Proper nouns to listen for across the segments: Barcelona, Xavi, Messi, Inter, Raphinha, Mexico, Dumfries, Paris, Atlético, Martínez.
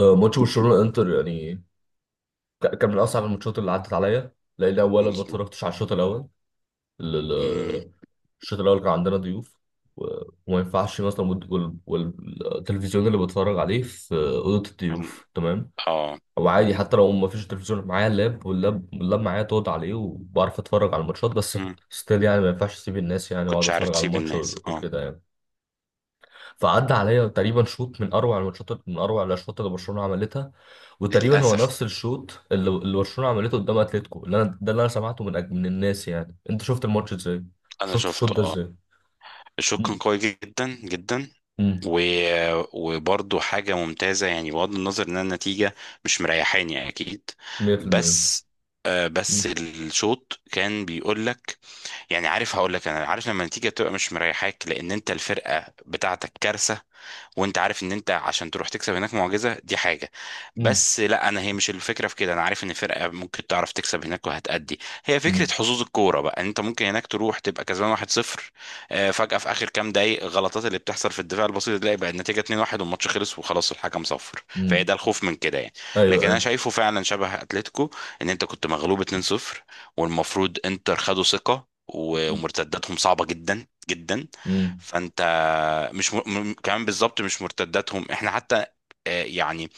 آه، ماتش برشلونه انتر يعني. كان من اصعب الماتشات اللي عدت عليا، لان اولا ما مظبوط. اتفرجتش على الشوط الاول. ال- امم ال- الشوط الاول كان عندنا ضيوف، و- وما ينفعش مثلا والتلفزيون اللي بتفرج عليه في اوضه الضيوف تمام، اه او عادي. حتى لو ما فيش تلفزيون معايا اللاب، واللاب معايا تقعد عليه وبعرف اتفرج على الماتشات. بس امم ستيل يعني، ما ينفعش اسيب الناس يعني واقعد كنتش عارف اتفرج على تسيب الماتش الناس، اه. وكده يعني. فعدى عليا تقريبا شوط من اروع الماتشات، من اروع الاشواط اللي برشلونه عملتها. وتقريبا هو للاسف. نفس الشوط اللي مم. اللي برشلونه عملته قدام اتلتيكو، اللي انا ده اللي انا سمعته من الناس يعني. انت شفت الماتش ازاي؟ انا شفت الشوط شفته، ده اه. ازاي؟ الشوط كان أمم، قوي جدا جدا. أمم، و... وبرضه حاجه ممتازه، يعني بغض النظر ان النتيجه مش مريحاني اكيد، 100%. بس. بس أمم، الشوط كان بيقول لك، يعني عارف هقول لك، انا عارف لما النتيجه تبقى مش مريحاك لان انت الفرقه بتاعتك كارثه، وانت عارف ان انت عشان تروح تكسب هناك معجزه، دي حاجه. أمم، بس لا، انا هي مش الفكره في كده. انا عارف ان فرقه ممكن تعرف تكسب هناك وهتأدي. هي أمم، فكره حظوظ الكوره بقى، ان انت ممكن هناك تروح تبقى كسبان 1-0، فجاه في اخر كام دقايق غلطات اللي بتحصل في الدفاع البسيط تلاقي بقى النتيجه 2-1 والماتش خلص وخلاص الحكم صفر. فهي أمم. ده الخوف من كده يعني. ايوه لكن انا ايوه. شايفه فعلا شبه اتلتيكو، ان انت كنت مغلوب 2-0، والمفروض انتر خدوا ثقه، أمم، ومرتداتهم صعبه جدا جدا. أمم. فانت مش كمان بالظبط، مش مرتداتهم احنا حتى. يعني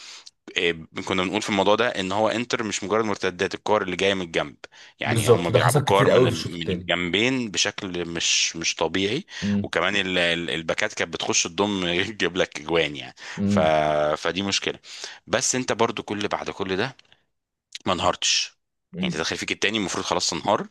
آه، كنا بنقول في الموضوع ده ان هو انتر مش مجرد مرتدات الكور اللي جايه من الجنب. يعني بالظبط، هم وده بيلعبوا حصل كور كتير من قوي في الشوط من الثاني. الجنبين بشكل مش طبيعي. وكمان الباكات كانت بتخش تضم تجيب لك اجوان يعني. ف... فدي مشكله. بس انت برضو، بعد كل ده، ما انهارتش. يعني تدخل فيك التاني المفروض خلاص تنهار،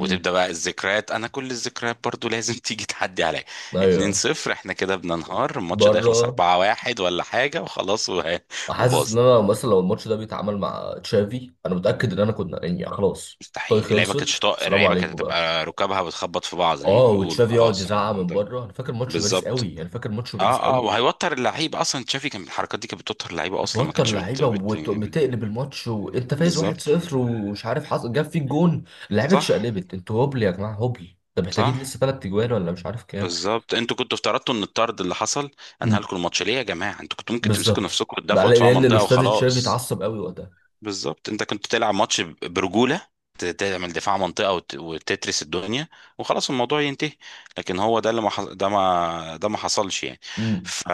وتبدا بقى الذكريات. انا كل الذكريات برضو لازم تيجي تعدي عليا. 2 ايوه. 0 احنا كده بننهار، الماتش ده يخلص بره، 4-1 ولا حاجه وخلاص حاسس وباظ. ان انا مثلا لو الماتش ده بيتعامل مع تشافي، انا متاكد ان انا كنا يعني خلاص. طي مستحيل، اللعيبه كانت خلصت، شطاء، السلام اللعيبه كانت عليكم بقى. هتبقى ركابها بتخبط في بعض زي ما اه، بيقولوا، وتشافي يقعد خلاص يزعق الموضوع من انتهى. بره. انا فاكر ماتش باريس بالظبط. قوي، انا فاكر ماتش اه، باريس اه، قوي. وهيوتر اللعيب اصلا. تشافي كان الحركات دي كانت بتوتر اللعيبه اصلا، ما بتوتر كانتش اللعيبه وبتقلب الماتش وانت فايز بالظبط. 1-0 ومش عارف حصل جاب فيك جون. اللعيبه صح، اتشقلبت. انتوا هبل يا جماعه، هبل. ده محتاجين صح، لسه ثلاث اجوان ولا مش عارف كام. بالظبط، انتوا كنتوا افترضتوا ان الطرد اللي حصل انهى امم، لكم الماتش. ليه يا جماعه، انتوا كنتوا ممكن تمسكوا بالظبط. نفسكم وتدافعوا دفاع لان منطقه الاستاذ تشافي وخلاص. اتعصب قوي وقتها. بالظبط، انت كنت تلعب ماتش برجوله، تعمل دفاع منطقه، وتترس الدنيا وخلاص الموضوع ينتهي. لكن هو ده اللي ما حص- ده ما ده ما حصلش يعني. امم، ف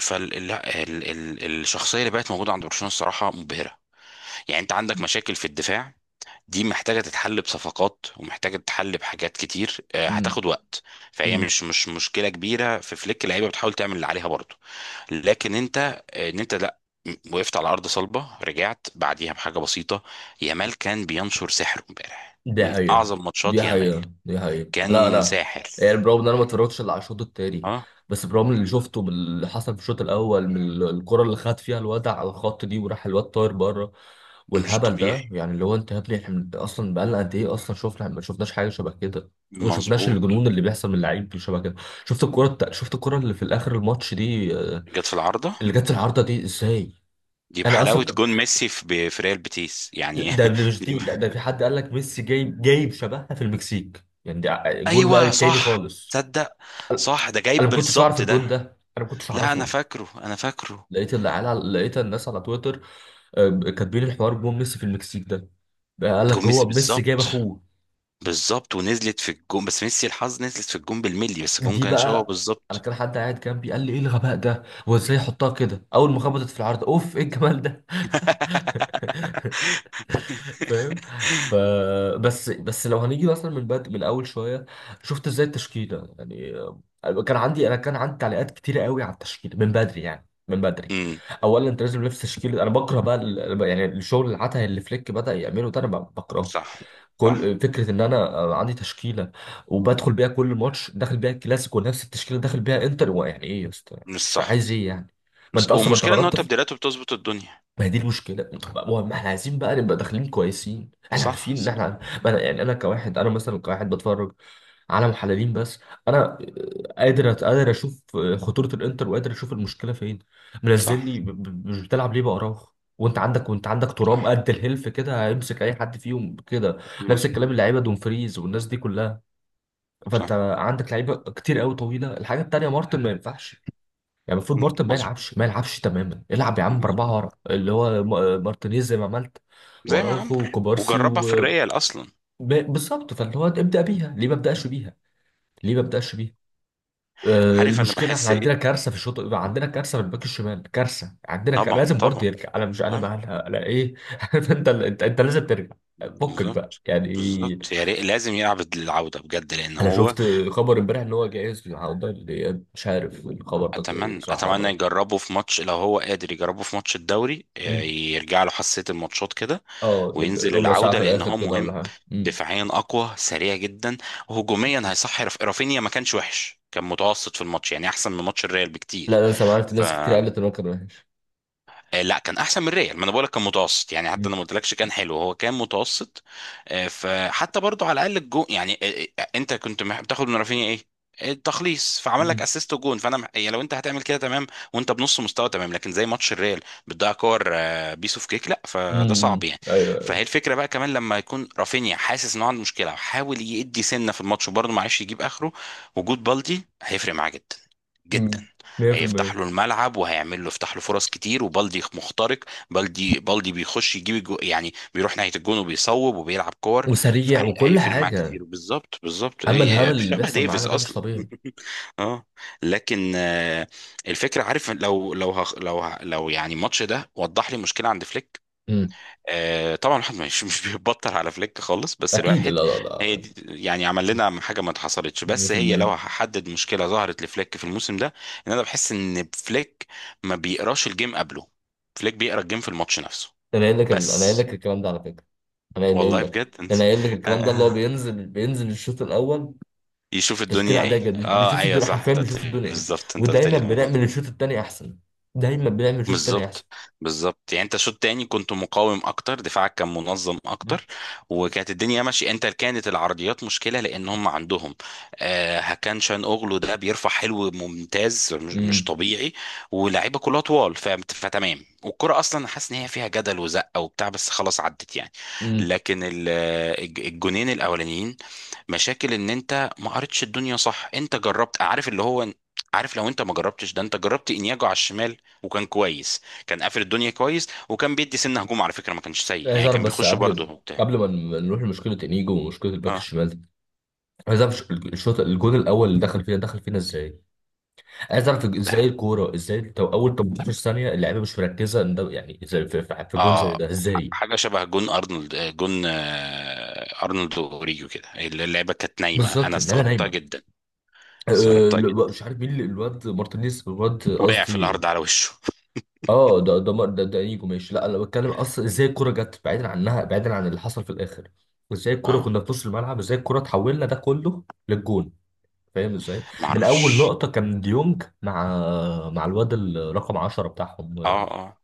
فال ال... ال... ال... الشخصيه اللي بقت موجوده عند برشلونه الصراحه مبهره. يعني انت عندك مشاكل في الدفاع، دي محتاجة تتحل بصفقات ومحتاجة تتحل بحاجات كتير، هتاخد وقت. فهي امم. مش مشكلة كبيرة في فليك، اللعيبة بتحاول تعمل اللي عليها برضه. لكن انت، آه، ان انت لا م- وقفت على أرض صلبة، رجعت بعديها بحاجة بسيطة. يامال كان بينشر سحره امبارح، دي من حقيقة، أعظم دي ماتشات يامال. حقيقة، دي حقيقة، لا كان لا. ساحر. يعني برغم ان انا ما اتفرجتش الا على الشوط التاني، اه، بس برغم اللي شفته باللي حصل في الشوط الاول، من الكرة اللي خد فيها الواد على الخط دي، وراح الواد طاير بره، مش والهبل ده طبيعي. يعني. اللي هو انت يا ابني، احنا اصلا بقالنا قد ايه اصلا، شفنا، ما شفناش حاجة شبه كده. وما شفناش مظبوط. الجنون اللي بيحصل من اللعيب شبه كده. شفت الكرة اللي في الاخر الماتش دي، جت في العارضة. اللي جت في العارضة دي ازاي؟ دي انا بحلاوة اصلا، جون ميسي في ريال بيتيس لا، يعني ده مش دي، دي. لا، ده في حد قال لك ميسي جايب، شبهها في المكسيك يعني. ده جون بقى ايوه، تاني صح. خالص. تصدق، صح، ده انا جايب ما كنتش اعرف بالظبط ده. الجون ده، انا ما كنتش لا، اعرفه. انا فاكره. لقيت الناس على تويتر كاتبين الحوار جون ميسي في المكسيك ده. بقى قال لك جون ميسي، هو ميسي جايب بالظبط. اخوه. بالظبط، ونزلت في الجون، بس ميسي الحظ نزلت في الجون بالملي، بس الجون دي كان شبهه بقى، انا بالظبط. كان حد قاعد جنبي قال لي ايه الغباء ده، هو ازاي يحطها كده؟ اول ما خبطت في العارضه، اوف، ايه الجمال ده. فاهم؟ ف بس، لو هنيجي مثلا من اول شويه، شفت ازاي التشكيله يعني؟ كان عندي تعليقات كتيره قوي على التشكيله من بدري، يعني من بدري. امم. اولا انت لازم نفس تشكيله. انا بكره بقى يعني الشغل العته اللي فليك بدا يعمله ده، انا بكرهه. صح، صح. كل فكره ان انا عندي تشكيله وبدخل بيها كل ماتش، داخل بيها الكلاسيكو، ونفس التشكيله داخل بيها انتر. هو يعني ايه يا اسطى يعني، مش مش صح عايز ايه يعني؟ ما مش انت اصلا، ما انت والمشكله ان هو غلطت. تبديلاته بتظبط الدنيا. ما هي دي المشكلة. طب ما احنا عايزين بقى نبقى داخلين كويسين، احنا صح، عارفين ان صح، احنا. ما انا يعني انا كواحد، انا مثلا كواحد بتفرج على محللين بس. انا قادر قادر اشوف خطورة الانتر، وقادر اشوف المشكلة فين. منزل صح، لي مش بتلعب ليه بأراوخو؟ وانت عندك ترام صح. قد الهلف كده، هيمسك اي حد فيهم كده. نفس الكلام مظبوط، اللعيبه دومفريز والناس دي كلها. فانت صح، عندك لعيبه كتير قوي طويله. الحاجه التانيه، مارتن ما ينفعش يعني. المفروض مارتن ما مظبوط، يلعبش، ما يلعبش تماما. العب يا عم باربعه مظبوط ورا، اللي هو مارتينيز، زي ما عملت، زي ما عمرو. واراوخو وكوبارسي وجربها في و الريال اصلا. بالظبط. فاللي هو ابدا بيها، ليه ما ابداش بيها؟ ليه ما ابداش بيها؟ عارف انا المشكله احنا بحس عندنا ايه. كارثه في الشوط، عندنا كارثه في الباك الشمال، كارثه. عندنا طبعا، لازم طبعا، برضه يرجع. انا مش انا طبعا، مالها انا ايه عارف انت، انت لازم ترجع. فكك بقى بالظبط. يعني. بالظبط، يا ريت لازم يلعب العودة بجد لأن انا هو. شفت خبر امبارح ان هو جاهز، والله مش عارف الخبر ده صح أتمنى ولا يجربه في ماتش، لو هو قادر يجربه في ماتش الدوري، لا. يرجع له حساسية الماتشات كده. اه، وينزل ربع ساعة العودة في لأن الآخر هو كده ولا مهم. حاجة. دفاعيا أقوى، سريع جدا، وهجوميا هيصحي. رافينيا ما كانش وحش، كان متوسط في الماتش، يعني أحسن من ماتش الريال لا، بكتير. أنا سمعت ف ناس كتير قالت إن هو كان وحش. آه، لا، كان احسن من ريال. ما انا بقولك كان متوسط يعني، حتى مم. انا ما قلتلكش كان حلو، هو كان متوسط. فحتى برضو على الاقل الجون يعني. انت كنت بتاخد من رافينيا ايه؟ التخليص. فعمل لك مم. اسيست وجون، فانا يعني لو انت هتعمل كده تمام، وانت بنص مستوى تمام. لكن زي ماتش الريال بتضيع كور، بيس اوف كيك، لا، فده صعب يعني. أيوه أيوه. فهي الفكره بقى، كمان لما يكون رافينيا حاسس انه عنده مشكله وحاول يدي سنه في الماتش وبرضه ما عرفش يجيب اخره، وجود بالدي هيفرق معاه جدا جدا. مم. هيفتح 100%. له الملعب، وهيعمل له يفتح له فرص كتير، وبالدي مخترق. بالدي بيخش يجيب الجو، يعني بيروح ناحية الجون وبيصوب وبيلعب كور. وسريع وكل فهيفرق معاه حاجة. كتير، بالظبط، بالظبط. أما الهبل اللي شبه بيحصل معانا ديفيز ده مش اصلا طبيعي. اه. لكن الفكرة، عارف، لو لو هخ- لو ه- لو يعني الماتش ده وضح لي مشكلة عند فليك. مم. طبعا الواحد مش بيبطل على فليك خالص، بس أكيد، لا الواحد. لا هي لا. دي، يعني عمل لنا حاجه ما اتحصلتش، بس هي لو 100%. هحدد مشكله ظهرت لفليك في الموسم ده، ان انا بحس ان فليك ما بيقراش الجيم قبله. فليك بيقرا الجيم في الماتش نفسه. أنا قايل لك أنا قايل بس لك الكلام ده على فكرة. أنا قايل والله لك بجد انت. أنا قايل لك آه، الكلام ده، اللي هو آه. بينزل الشوط الأول. يشوف تشكيلة الدنيا عادية ايه. جدا، اه، بيشوف ايوه، الدنيا، صح، حرفيا انت قلت بيشوف لي الدنيا إيه. بالظبط، انت قلت لي ودايما الموضوع بنعمل ده. الشوط التاني أحسن، دايما بنعمل الشوط التاني أحسن. بالظبط، بالظبط، يعني انت شوط تاني كنت مقاوم اكتر، دفاعك كان منظم اكتر، وكانت الدنيا ماشيه. انت كانت العرضيات مشكله لان هم عندهم، هكان شان اوغلو ده بيرفع حلو، ممتاز، مش مم. طبيعي، ولاعيبه كلها طوال، فتمام. والكره اصلا حاسس ان هي فيها جدل وزقه وبتاع، بس خلاص عدت يعني. امم. لكن الجونين الاولانيين، مشاكل ان انت ما قريتش الدنيا صح. انت جربت، عارف اللي هو. عارف، لو انت ما جربتش ده، انت جربت انياجو على الشمال وكان كويس. كان قافل الدنيا كويس، وكان بيدي سنة هجوم على فكرة، ما كانش سيء عايز يعني، اعرف كان بس بيخش قبل، برضه وبتاع. قبل ما نروح لمشكله انيجو ومشكله الباك اه، الشمال دي. عايز اعرف الشوط الجون الاول اللي دخل فينا، دخل فينا ازاي. عايز اعرف ازاي ده، الكوره، ازاي تو اول 18 ثانيه اللعيبه مش مركزه ان ده يعني ازاي، في جون زي اه، ده ازاي. حاجة شبه جون أرنولد، آه، جون آه، أرنولد وأوريجو كده. اللعبة كانت نايمة، بالظبط، أنا اللعيبه استغربتها نايمه. جدا، أه. استغربتها لا، جدا. مش عارف مين الواد مارتينيز، الواد وقع في قصدي. الأرض على وشه. اه، ده انيجو ماشي. لا، انا بتكلم اصلا ازاي الكوره جت بعيدا عنها، بعيدا عن اللي حصل في الاخر. ازاي الكوره اه، كنا في نص الملعب، ازاي الكوره اتحولنا ده كله للجون؟ فاهم ازاي؟ ما من اول أعرفش. لقطه كان ديونج مع الواد الرقم 10 بتاعهم. اه، اه.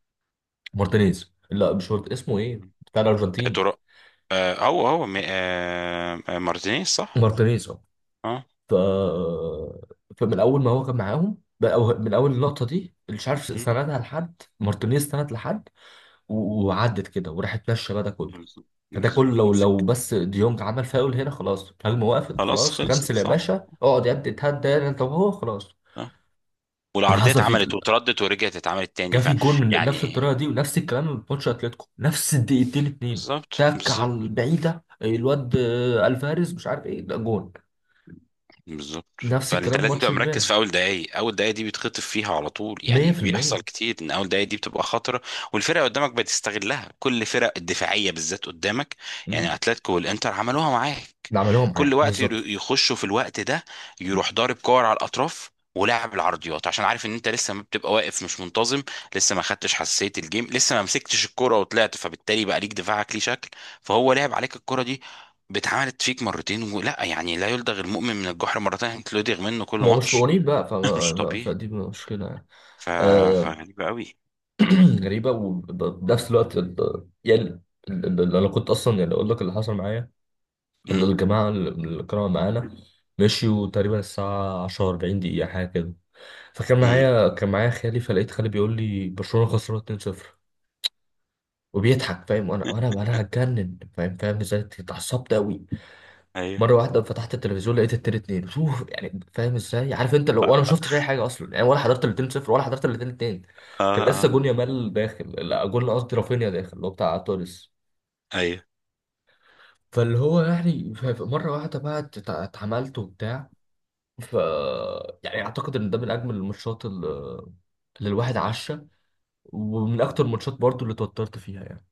مارتينيز، لا مش اسمه ايه؟ بتاع يا الارجنتين. ترى. آه هو هو م- آه آه، مارتينيز، صح. مارتينيز، اه. اه. ف فمن اول ما هو كان معاهم، أو من اول اللقطه دي، مش عارف مم. سندها لحد مارتينيز، سند لحد. وعدت كده وراحت ماشيه بقى ده كله. بالظبط، فده كله، بالظبط. لو لو بس ديونج عمل فاول هنا، خلاص الهجمه وقفت، خلاص خلاص. خلصت، كنسل يا صح. باشا، اقعد يا ابني، اتهدى هنا انت وهو، خلاص. اللي والعرضية حصل فيك، اتعملت واتردت، ورجعت اتعملت تاني. جا في جون من نفس الطريقه يعني دي، ونفس الكلام من ماتش اتلتيكو، نفس الدقيقتين اتنين. بالظبط، تك على بالظبط، البعيده، الواد الفاريز مش عارف ايه، ده جون. بالظبط. نفس فانت الكلام لازم ماتش تبقى مركز امبارح. في اول دقايق، اول دقايق دي بيتخطف فيها على طول. يعني 100%. بيحصل كتير ان اول دقايق دي بتبقى خطره، والفرقه قدامك بتستغلها. كل فرق الدفاعيه بالذات قدامك، يعني امم. اتلتيكو والانتر عملوها معاك. اللي عملوه كل معاك وقت بالظبط. يخشوا في الوقت ده، يروح ضارب كور على الاطراف، ولاعب العرضيات، عشان عارف ان انت لسه ما بتبقى واقف مش منتظم، لسه ما خدتش حساسيه الجيم، لسه ما مسكتش الكره وطلعت، فبالتالي بقى ليك دفاعك ليه شكل. فهو لعب عليك الكره دي، باتعملت فيك مرتين، ولا يعني لا يلدغ المؤمن من الجحر مرتين، انت لدغ منه كل ما هو مش ماتش. مقاولين بقى، مش فما طبيعي. فدي مشكلة يعني. ف... آه. فغريبة قوي. غريبة. وبنفس الوقت يعني أنا كنت أصلا يعني أقول لك اللي حصل معايا. امم. الجماعة اللي كانوا معانا، مشيوا تقريبا الساعة 10 40 دقيقة حاجة كده. فكان امم. معايا كان معايا خالي، فلقيت خالي بيقول لي برشلونة خسرانة 2-0 وبيضحك. فاهم؟ وانا وانا وانا هتجنن. فاهم؟ فاهم ازاي؟ اتعصبت قوي. ايوه، مرة واحدة فتحت التلفزيون لقيت التلاتة اتنين. شوف يعني، فاهم ازاي؟ عارف انت لو، وانا ما شفتش اي حاجة اصلا يعني، ولا حضرت الاتنين صفر ولا حضرت الاتنين اتنين. اه، كان اه، لسه جون يامال داخل، لا جون قصدي رافينيا داخل، اللي هو بتاع تونس. ايوه. فاللي هو يعني مرة واحدة بقى اتعملت وبتاع. ف يعني اعتقد ان ده من اجمل الماتشات اللي، الواحد عاشها. ومن اكتر الماتشات برضو اللي اتوترت فيها يعني.